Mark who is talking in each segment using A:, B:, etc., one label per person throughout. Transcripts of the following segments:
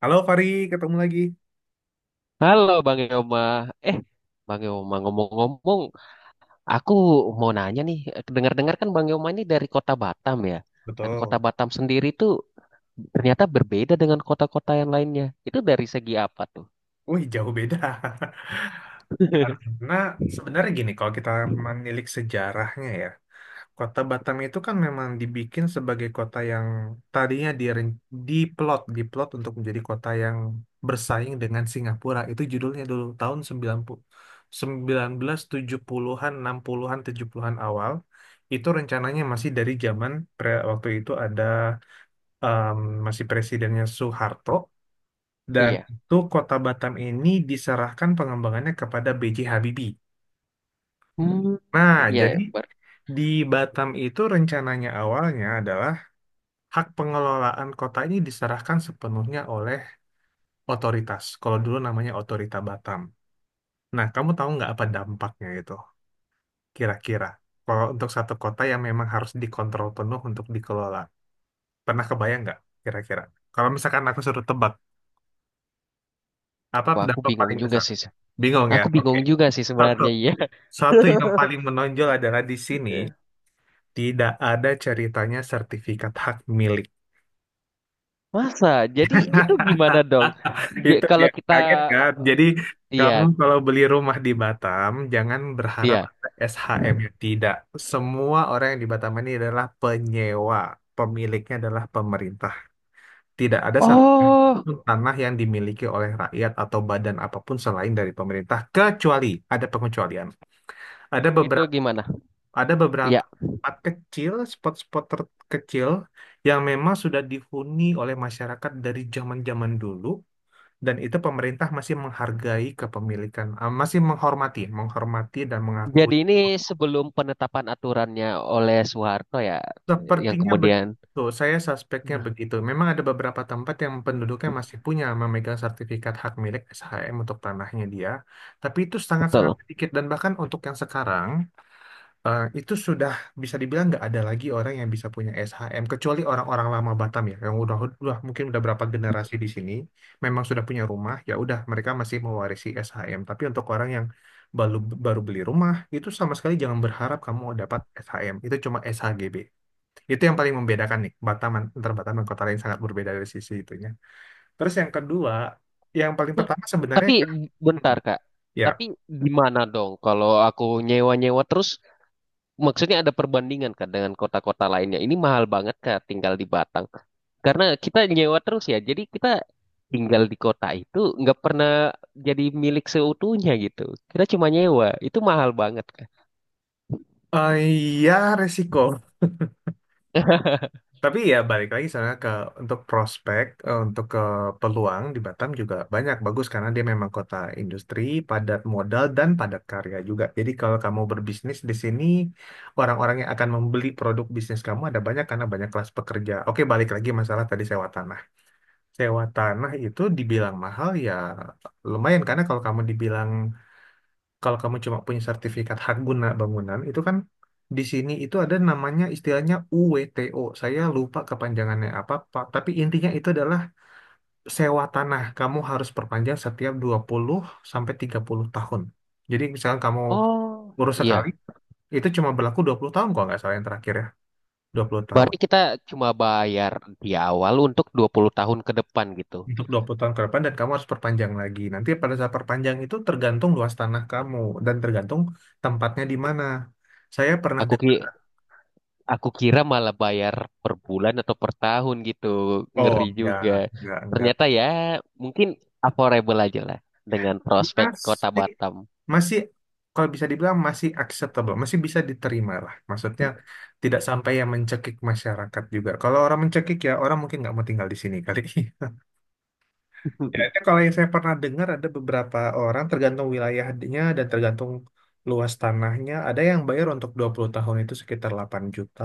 A: Halo Fari, ketemu lagi.
B: Halo Bang Yoma, eh Bang Yoma ngomong-ngomong, aku mau nanya nih, dengar-dengar kan Bang Yoma ini dari kota Batam ya, dan kota
A: Betul.
B: Batam sendiri tuh ternyata berbeda dengan kota-kota yang lainnya. Itu dari segi apa tuh?
A: Wih, jauh beda. Karena sebenarnya gini, kalau kita menilik sejarahnya, ya, kota Batam itu kan memang dibikin sebagai kota yang tadinya diplot untuk menjadi kota yang bersaing dengan Singapura. Itu judulnya dulu, tahun 90, 1970-an, 60-an, 70-an awal. Itu rencananya masih dari zaman waktu itu ada em, masih presidennya Soeharto. Dan
B: Iya,
A: itu Kota Batam ini diserahkan pengembangannya kepada B.J. Habibie.
B: hmm,
A: Nah,
B: iya,
A: jadi
B: ber-
A: di Batam itu rencananya awalnya adalah hak pengelolaan kota ini diserahkan sepenuhnya oleh otoritas. Kalau dulu namanya Otorita Batam. Nah, kamu tahu nggak apa dampaknya itu kira-kira? Kalau untuk satu kota yang memang harus dikontrol penuh untuk dikelola. Pernah kebayang nggak kira-kira? Kalau misalkan aku suruh tebak, apa
B: wah, aku
A: dampak
B: bingung
A: paling
B: juga
A: besar?
B: sih,
A: Bingung, ya?
B: aku
A: Oke.
B: bingung juga sih
A: Satu,
B: sebenarnya iya.
A: satu yang paling menonjol adalah di sini tidak ada ceritanya sertifikat hak milik.
B: Masa? Jadi itu gimana dong?
A: Itu dia
B: Kalau kita,
A: kaget, kan.
B: eh,
A: Jadi
B: iya,
A: kamu kalau beli rumah di Batam jangan berharap
B: iya.
A: ada SHM, ya. Tidak. Semua orang yang di Batam ini adalah penyewa. Pemiliknya adalah pemerintah. Tidak ada
B: Oh,
A: satu tanah yang dimiliki oleh rakyat atau badan apapun selain dari pemerintah kecuali ada pengecualian. Ada
B: itu
A: beberapa
B: gimana?
A: Ada
B: Iya.
A: beberapa tempat kecil, spot-spot terkecil yang memang sudah dihuni oleh masyarakat dari zaman-zaman dulu, dan itu pemerintah masih menghargai kepemilikan, masih menghormati, menghormati dan mengakui.
B: Jadi ini sebelum penetapan aturannya oleh Soeharto ya, yang
A: Sepertinya
B: kemudian,
A: begitu, saya suspeknya
B: nah,
A: begitu. Memang ada beberapa tempat yang penduduknya masih punya memegang sertifikat hak milik SHM untuk tanahnya dia, tapi itu sangat-sangat
B: betul.
A: sedikit, dan bahkan untuk yang sekarang itu sudah bisa dibilang nggak ada lagi orang yang bisa punya SHM kecuali orang-orang lama Batam, ya, yang udah mungkin udah berapa generasi di sini memang sudah punya rumah, ya udah mereka masih mewarisi SHM. Tapi untuk orang yang baru baru beli rumah itu sama sekali jangan berharap kamu dapat SHM, itu cuma SHGB. Itu yang paling membedakan nih Batam, antar Batam dan kota lain sangat berbeda dari sisi itunya. Terus yang kedua, yang paling pertama sebenarnya.
B: Tapi bentar
A: Hmm,
B: Kak,
A: ya.
B: tapi gimana dong kalau aku nyewa-nyewa terus, maksudnya ada perbandingan Kak dengan kota-kota lainnya. Ini mahal banget Kak tinggal di Batang. Karena kita nyewa terus ya, jadi kita tinggal di kota itu nggak pernah jadi milik seutuhnya gitu. Kita cuma nyewa, itu mahal banget Kak.
A: Eh, ya, resiko. Tapi ya balik lagi sana ke untuk prospek, untuk ke peluang di Batam juga banyak bagus karena dia memang kota industri, padat modal dan padat karya juga. Jadi kalau kamu berbisnis di sini, orang-orang yang akan membeli produk bisnis kamu ada banyak karena banyak kelas pekerja. Oke, balik lagi masalah tadi sewa tanah. Sewa tanah itu dibilang mahal, ya, lumayan. Karena kalau kamu dibilang kalau kamu cuma punya sertifikat hak guna bangunan, itu kan di sini itu ada namanya istilahnya UWTO. Saya lupa kepanjangannya apa, Pak. Tapi intinya itu adalah sewa tanah. Kamu harus perpanjang setiap 20 sampai 30 tahun. Jadi misalkan kamu
B: Oh,
A: urus
B: iya.
A: sekali, itu cuma berlaku 20 tahun kalau nggak salah yang terakhir, ya. 20 tahun.
B: Berarti kita cuma bayar di awal untuk 20 tahun ke depan gitu.
A: Untuk 20 tahun ke depan dan kamu harus perpanjang lagi. Nanti pada saat perpanjang itu tergantung luas tanah kamu dan tergantung tempatnya di mana. Saya pernah
B: Aku ki
A: dengar,
B: aku kira malah bayar per bulan atau per tahun gitu.
A: oh
B: Ngeri juga.
A: enggak, enggak.
B: Ternyata ya mungkin affordable aja lah dengan prospek Kota
A: Masih,
B: Batam.
A: masih kalau bisa dibilang masih acceptable, masih bisa diterima lah. Maksudnya tidak sampai yang mencekik masyarakat juga. Kalau orang mencekik, ya, orang mungkin nggak mau tinggal di sini kali. Ya, itu kalau yang saya pernah dengar ada beberapa orang tergantung wilayahnya dan tergantung luas tanahnya, ada yang bayar untuk 20 tahun itu sekitar 8 juta,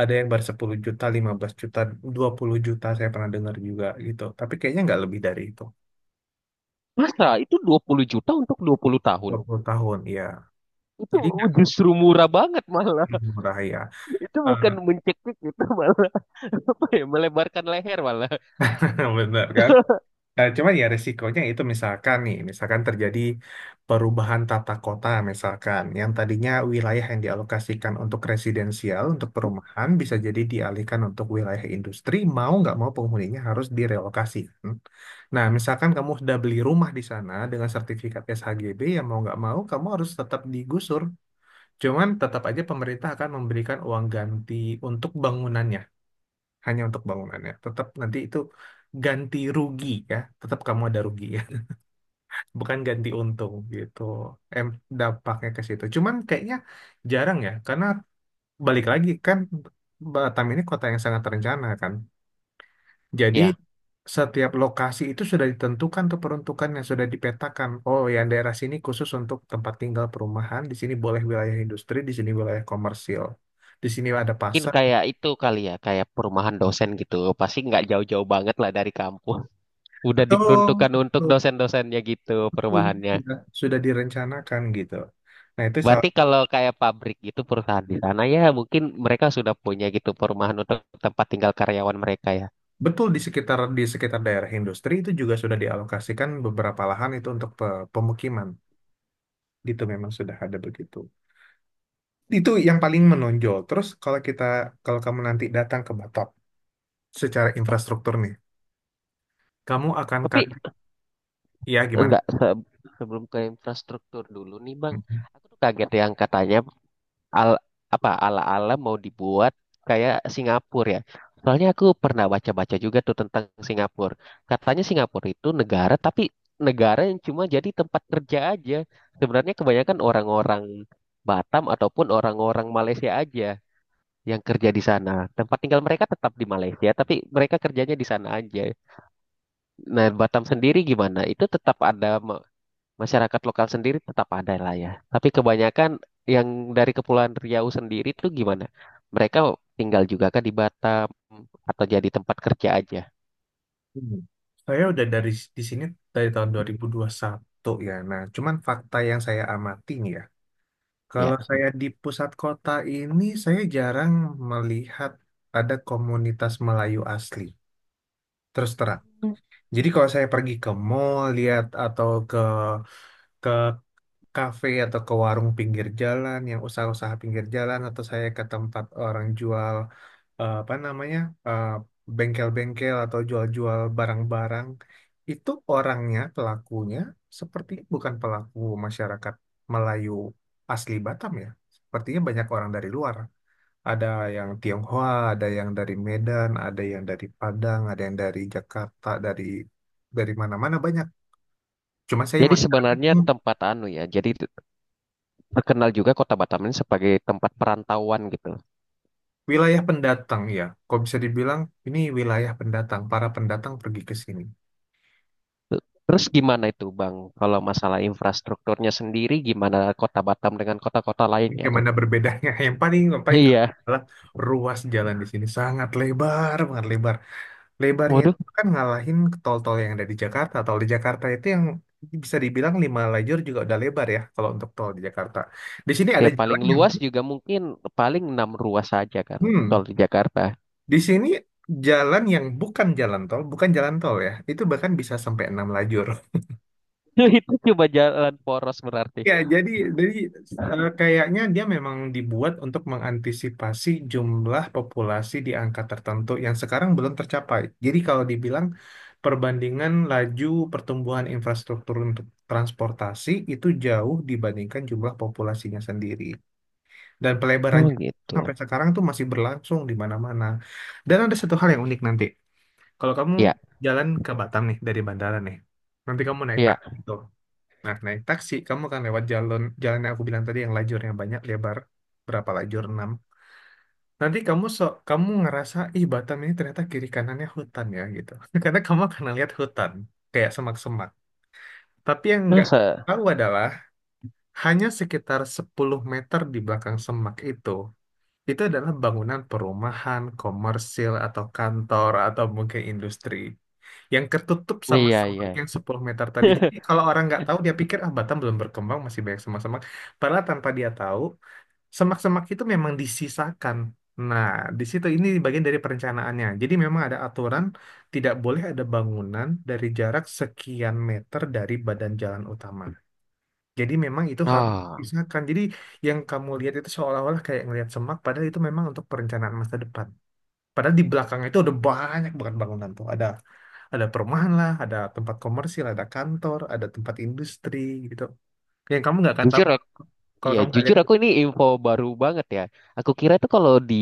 A: ada yang bayar 10 juta, 15 juta, 20 juta saya pernah dengar juga gitu. Tapi kayaknya nggak lebih dari itu.
B: Masa itu 20 juta untuk 20 tahun?
A: 20 tahun, ya.
B: Itu
A: Jadi nggak
B: justru murah banget malah.
A: murah, ya.
B: Itu
A: Eh,
B: bukan mencekik gitu malah, apa ya, melebarkan leher malah.
A: Bener, kan? Cuman ya resikonya itu misalkan nih, misalkan terjadi perubahan tata kota misalkan, yang tadinya wilayah yang dialokasikan untuk residensial, untuk perumahan, bisa jadi dialihkan untuk wilayah industri, mau nggak mau penghuninya harus direlokasi. Nah, misalkan kamu sudah beli rumah di sana dengan sertifikat SHGB, ya mau nggak mau kamu harus tetap digusur. Cuman tetap aja pemerintah akan memberikan uang ganti untuk bangunannya hanya untuk bangunannya. Tetap nanti itu ganti rugi, ya, tetap kamu ada rugi, ya, bukan ganti untung gitu. Em dampaknya ke situ. Cuman kayaknya jarang, ya, karena balik lagi kan Batam ini kota yang sangat terencana, kan. Jadi
B: Ya,
A: setiap lokasi itu sudah ditentukan tuh peruntukannya sudah dipetakan. Oh, yang daerah sini khusus untuk tempat tinggal perumahan, di sini boleh wilayah industri, di sini wilayah komersil, di sini ada
B: mungkin
A: pasar.
B: kayak itu kali ya, kayak perumahan dosen gitu. Pasti nggak jauh-jauh banget lah dari kampus. Udah
A: Betul.
B: diperuntukkan untuk dosen-dosennya gitu perumahannya.
A: Sudah direncanakan gitu. Nah, itu
B: Berarti kalau kayak pabrik gitu perusahaan di sana ya mungkin mereka sudah punya gitu perumahan untuk tempat tinggal karyawan mereka ya.
A: betul, di sekitar daerah industri itu juga sudah dialokasikan beberapa lahan itu untuk pemukiman. Itu memang sudah ada begitu. Itu yang paling menonjol. Terus kalau kamu nanti datang ke Batok, secara infrastruktur nih, kamu akan
B: Tapi
A: kaget, ya, gimana?
B: enggak sebelum ke infrastruktur dulu nih Bang.
A: Mhm.
B: Aku tuh kaget yang katanya al apa ala-ala mau dibuat kayak Singapura ya. Soalnya aku pernah baca-baca juga tuh tentang Singapura. Katanya Singapura itu negara, tapi negara yang cuma jadi tempat kerja aja. Sebenarnya kebanyakan orang-orang Batam ataupun orang-orang Malaysia aja yang kerja di sana. Tempat tinggal mereka tetap di Malaysia, tapi mereka kerjanya di sana aja. Nah, Batam sendiri gimana? Itu tetap ada masyarakat lokal sendiri, tetap ada lah ya. Tapi kebanyakan yang dari Kepulauan Riau sendiri tuh gimana? Mereka tinggal juga kan di Batam atau jadi tempat kerja aja.
A: Hmm. Saya udah dari di sini dari tahun dua 2021, ya. Nah, cuman fakta yang saya amati nih, ya.
B: Ya,
A: Kalau saya di pusat kota ini, saya jarang melihat ada komunitas Melayu asli. Terus terang. Jadi kalau saya pergi ke mall, lihat atau ke kafe atau ke warung pinggir jalan yang usaha-usaha pinggir jalan atau saya ke tempat orang jual apa namanya, eh, bengkel-bengkel atau jual-jual barang-barang, itu orangnya pelakunya seperti bukan pelaku masyarakat Melayu asli Batam, ya. Sepertinya banyak orang dari luar, ada yang Tionghoa, ada yang dari Medan, ada yang dari Padang, ada yang dari Jakarta, dari mana-mana banyak. Cuma saya
B: jadi
A: masyarakat.
B: sebenarnya tempat anu ya, jadi terkenal juga Kota Batam ini sebagai tempat perantauan gitu.
A: Wilayah pendatang, ya, kok bisa dibilang ini wilayah pendatang, para pendatang pergi ke sini.
B: Terus
A: Gitu.
B: gimana itu Bang, kalau masalah infrastrukturnya sendiri gimana Kota Batam dengan kota-kota lain ya tuh?
A: Bagaimana berbedanya? Yang paling terasa
B: Iya,
A: adalah ruas jalan di sini sangat lebar, banget lebar. Lebarnya
B: waduh,
A: itu kan ngalahin tol-tol yang ada di Jakarta. Tol di Jakarta itu yang bisa dibilang lima lajur juga udah lebar, ya, kalau untuk tol di Jakarta. Di sini ada
B: ya paling
A: jalan yang
B: luas juga mungkin paling enam ruas saja kan kalau
A: hmm,
B: di Jakarta.
A: di sini jalan yang bukan jalan tol, bukan jalan tol, ya. Itu bahkan bisa sampai enam lajur.
B: Itu cuma jalan poros berarti.
A: Ya, jadi kayaknya dia memang dibuat untuk mengantisipasi jumlah populasi di angka tertentu yang sekarang belum tercapai. Jadi kalau dibilang perbandingan laju pertumbuhan infrastruktur untuk transportasi itu jauh dibandingkan jumlah populasinya sendiri. Dan pelebaran
B: Oh gitu.
A: sampai sekarang tuh masih berlangsung di mana-mana. Dan ada satu hal yang unik nanti. Kalau kamu
B: Ya,
A: jalan ke Batam nih dari bandara nih, nanti kamu naik
B: ya.
A: taksi gitu. Nah, naik taksi, kamu akan lewat jalan jalan yang aku bilang tadi yang lajurnya banyak, lebar berapa lajur? Enam. Nanti kamu ngerasa, ih Batam ini ternyata kiri kanannya hutan, ya, gitu. Karena kamu akan lihat hutan, kayak semak-semak. Tapi yang nggak
B: Masa?
A: tahu adalah, hanya sekitar 10 meter di belakang semak itu adalah bangunan perumahan, komersil, atau kantor, atau mungkin industri yang ketutup sama
B: Iya, iya.
A: semak yang 10 meter tadi. Jadi kalau orang nggak tahu dia pikir, ah Batam belum berkembang masih banyak semak-semak. Padahal tanpa dia tahu semak-semak itu memang disisakan. Nah, di situ ini bagian dari perencanaannya. Jadi memang ada aturan tidak boleh ada bangunan dari jarak sekian meter dari badan jalan utama. Jadi memang itu harus
B: Ah,
A: disisakan. Jadi yang kamu lihat itu seolah-olah kayak ngelihat semak, padahal itu memang untuk perencanaan masa depan. Padahal di belakangnya itu ada banyak banget bangunan tuh. Ada perumahan lah, ada tempat komersil, ada kantor, ada tempat industri gitu. Yang kamu nggak akan tahu
B: jujur, ak-
A: kalau
B: ya
A: kamu nggak
B: jujur aku
A: lihat.
B: ini info baru banget ya. Aku kira itu kalau di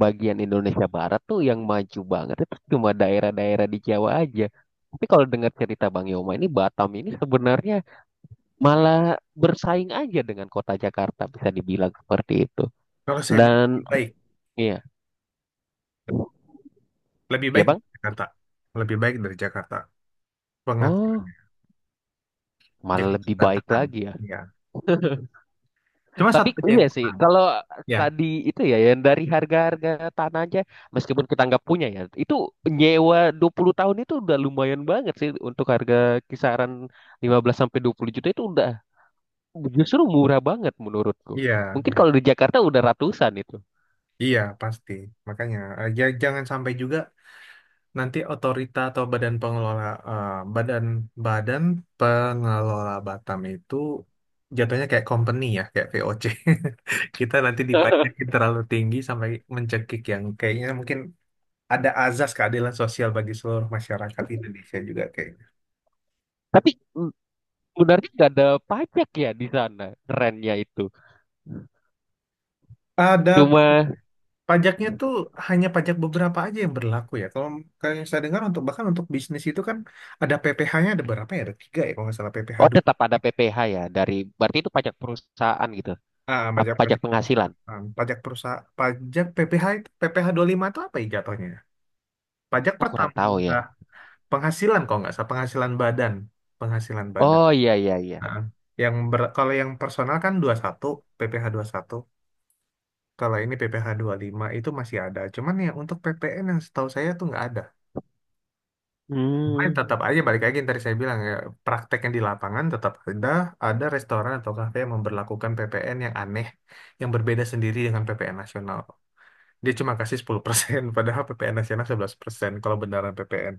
B: bagian Indonesia Barat tuh yang maju banget itu cuma daerah-daerah di Jawa aja. Tapi kalau dengar cerita Bang Yoma ini Batam ini sebenarnya malah bersaing aja dengan kota Jakarta, bisa dibilang seperti itu.
A: Kalau saya bilang
B: Dan iya,
A: lebih
B: iya
A: baik
B: Bang.
A: dari Jakarta, lebih baik dari Jakarta
B: Oh,
A: pengaturannya,
B: malah
A: Jakarta
B: lebih baik
A: berantakan.
B: lagi ya.
A: Iya. Cuma
B: Tapi
A: satu aja
B: iya
A: yang
B: sih,
A: kurang.
B: kalau
A: Ya,
B: tadi itu ya yang dari harga-harga tanah aja, meskipun kita nggak punya ya, itu nyewa 20 tahun itu udah lumayan banget sih untuk harga kisaran 15 sampai 20 juta itu udah justru murah banget menurutku.
A: iya,
B: Mungkin
A: iya,
B: kalau di Jakarta udah ratusan itu.
A: iya pasti. Makanya jangan sampai juga. Nanti otorita atau badan pengelola eh, badan, badan pengelola Batam itu jatuhnya kayak company, ya, kayak VOC. Kita nanti dipajakin terlalu tinggi sampai mencekik yang kayaknya mungkin ada azas keadilan sosial bagi seluruh masyarakat Indonesia juga kayaknya.
B: Tapi mm, sebenarnya nggak ada pajak ya di sana, rennya itu.
A: Ada
B: Cuma
A: pajaknya tuh hanya pajak beberapa aja yang berlaku, ya. Kalau kalau yang saya dengar untuk bahkan untuk bisnis itu kan ada PPh-nya ada berapa, ya? Ada tiga, ya, kalau nggak salah PPh.
B: oh, tetap ada PPh ya, dari berarti itu pajak perusahaan gitu.
A: Ah,
B: Apa
A: pajak
B: pajak
A: pajak
B: penghasilan?
A: perusahaan, pajak perusahaan, PPh itu PPh lima itu apa, ya, jatuhnya? Pajak
B: Aku kurang tahu ya.
A: penghasilan kalau nggak salah penghasilan badan, penghasilan badan.
B: Oh iya, iya, iya.
A: Ah, yang kalau yang personal kan 21 PPh satu. Kalau ini PPh lima itu masih ada. Cuman ya untuk PPN yang setahu saya tuh nggak ada. Makanya
B: Hmm,
A: tetap aja balik lagi yang tadi saya bilang, ya, prakteknya di lapangan tetap ada restoran atau kafe yang memberlakukan PPN yang aneh, yang berbeda sendiri dengan PPN nasional. Dia cuma kasih 10% padahal PPN nasional 11% kalau beneran PPN.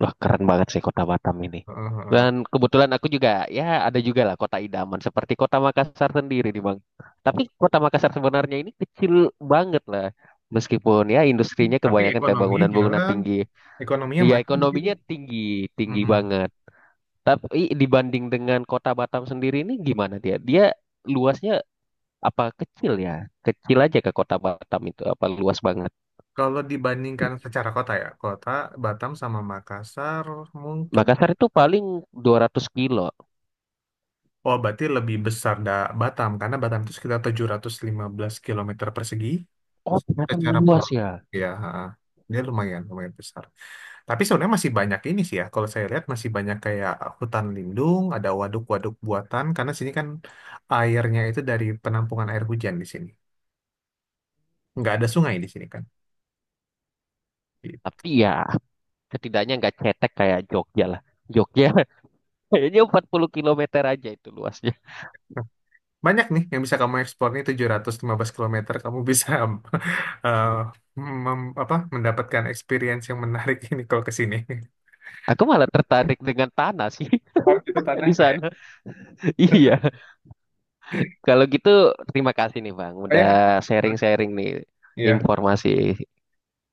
B: wah keren banget sih kota Batam ini.
A: Heeh,
B: Dan
A: heeh.
B: kebetulan aku juga, ya ada juga lah kota idaman seperti kota Makassar sendiri nih Bang. Tapi kota Makassar sebenarnya ini kecil banget lah. Meskipun ya industrinya
A: Tapi
B: kebanyakan kayak
A: ekonominya
B: bangunan-bangunan
A: jalan,
B: tinggi.
A: ekonominya
B: Nih, ya
A: maju di situ.
B: ekonominya tinggi, tinggi
A: Mm-mm.
B: banget. Tapi dibanding dengan kota Batam sendiri ini gimana dia? Dia luasnya apa kecil ya? Kecil aja ke kota Batam itu apa luas banget?
A: Kalau dibandingkan secara kota, ya, kota Batam sama Makassar mungkin,
B: Makassar itu paling 200 kilo.
A: oh berarti lebih besar, Batam, karena Batam itu sekitar 715 kilometer persegi,
B: Oh, ternyata
A: secara
B: luas
A: pulau.
B: ya.
A: Ya ha. Dia lumayan, lumayan besar tapi sebenarnya masih banyak ini sih, ya, kalau saya lihat masih banyak kayak hutan lindung, ada waduk-waduk buatan karena sini kan airnya itu dari penampungan air hujan di sini, nggak ada sungai di sini, kan. Gitu.
B: Tapi ya setidaknya nggak cetek kayak Jogja lah. Jogja kayaknya 40 kilometer aja itu luasnya.
A: Nah, banyak nih yang bisa kamu eksplor nih, 715 kilometer kamu bisa eh, mem- apa mendapatkan experience yang menarik ini kalau ke sini.
B: Aku malah tertarik dengan tanah sih
A: Oh, itu
B: di
A: tanahnya, ya.
B: sana. Iya. Kalau gitu terima kasih nih Bang.
A: Oh
B: Udah
A: ya,
B: sharing-sharing nih
A: iya.
B: informasi.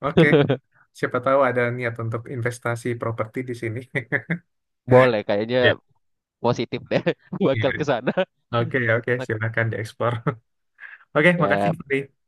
A: Oke. Siapa tahu ada niat untuk investasi properti di sini.
B: Boleh kayaknya,
A: Ya,
B: positif deh bakal
A: iya.
B: ke sana.
A: Oke, oke, silakan dieksplor. Oke, makasih,
B: Ya
A: Putri.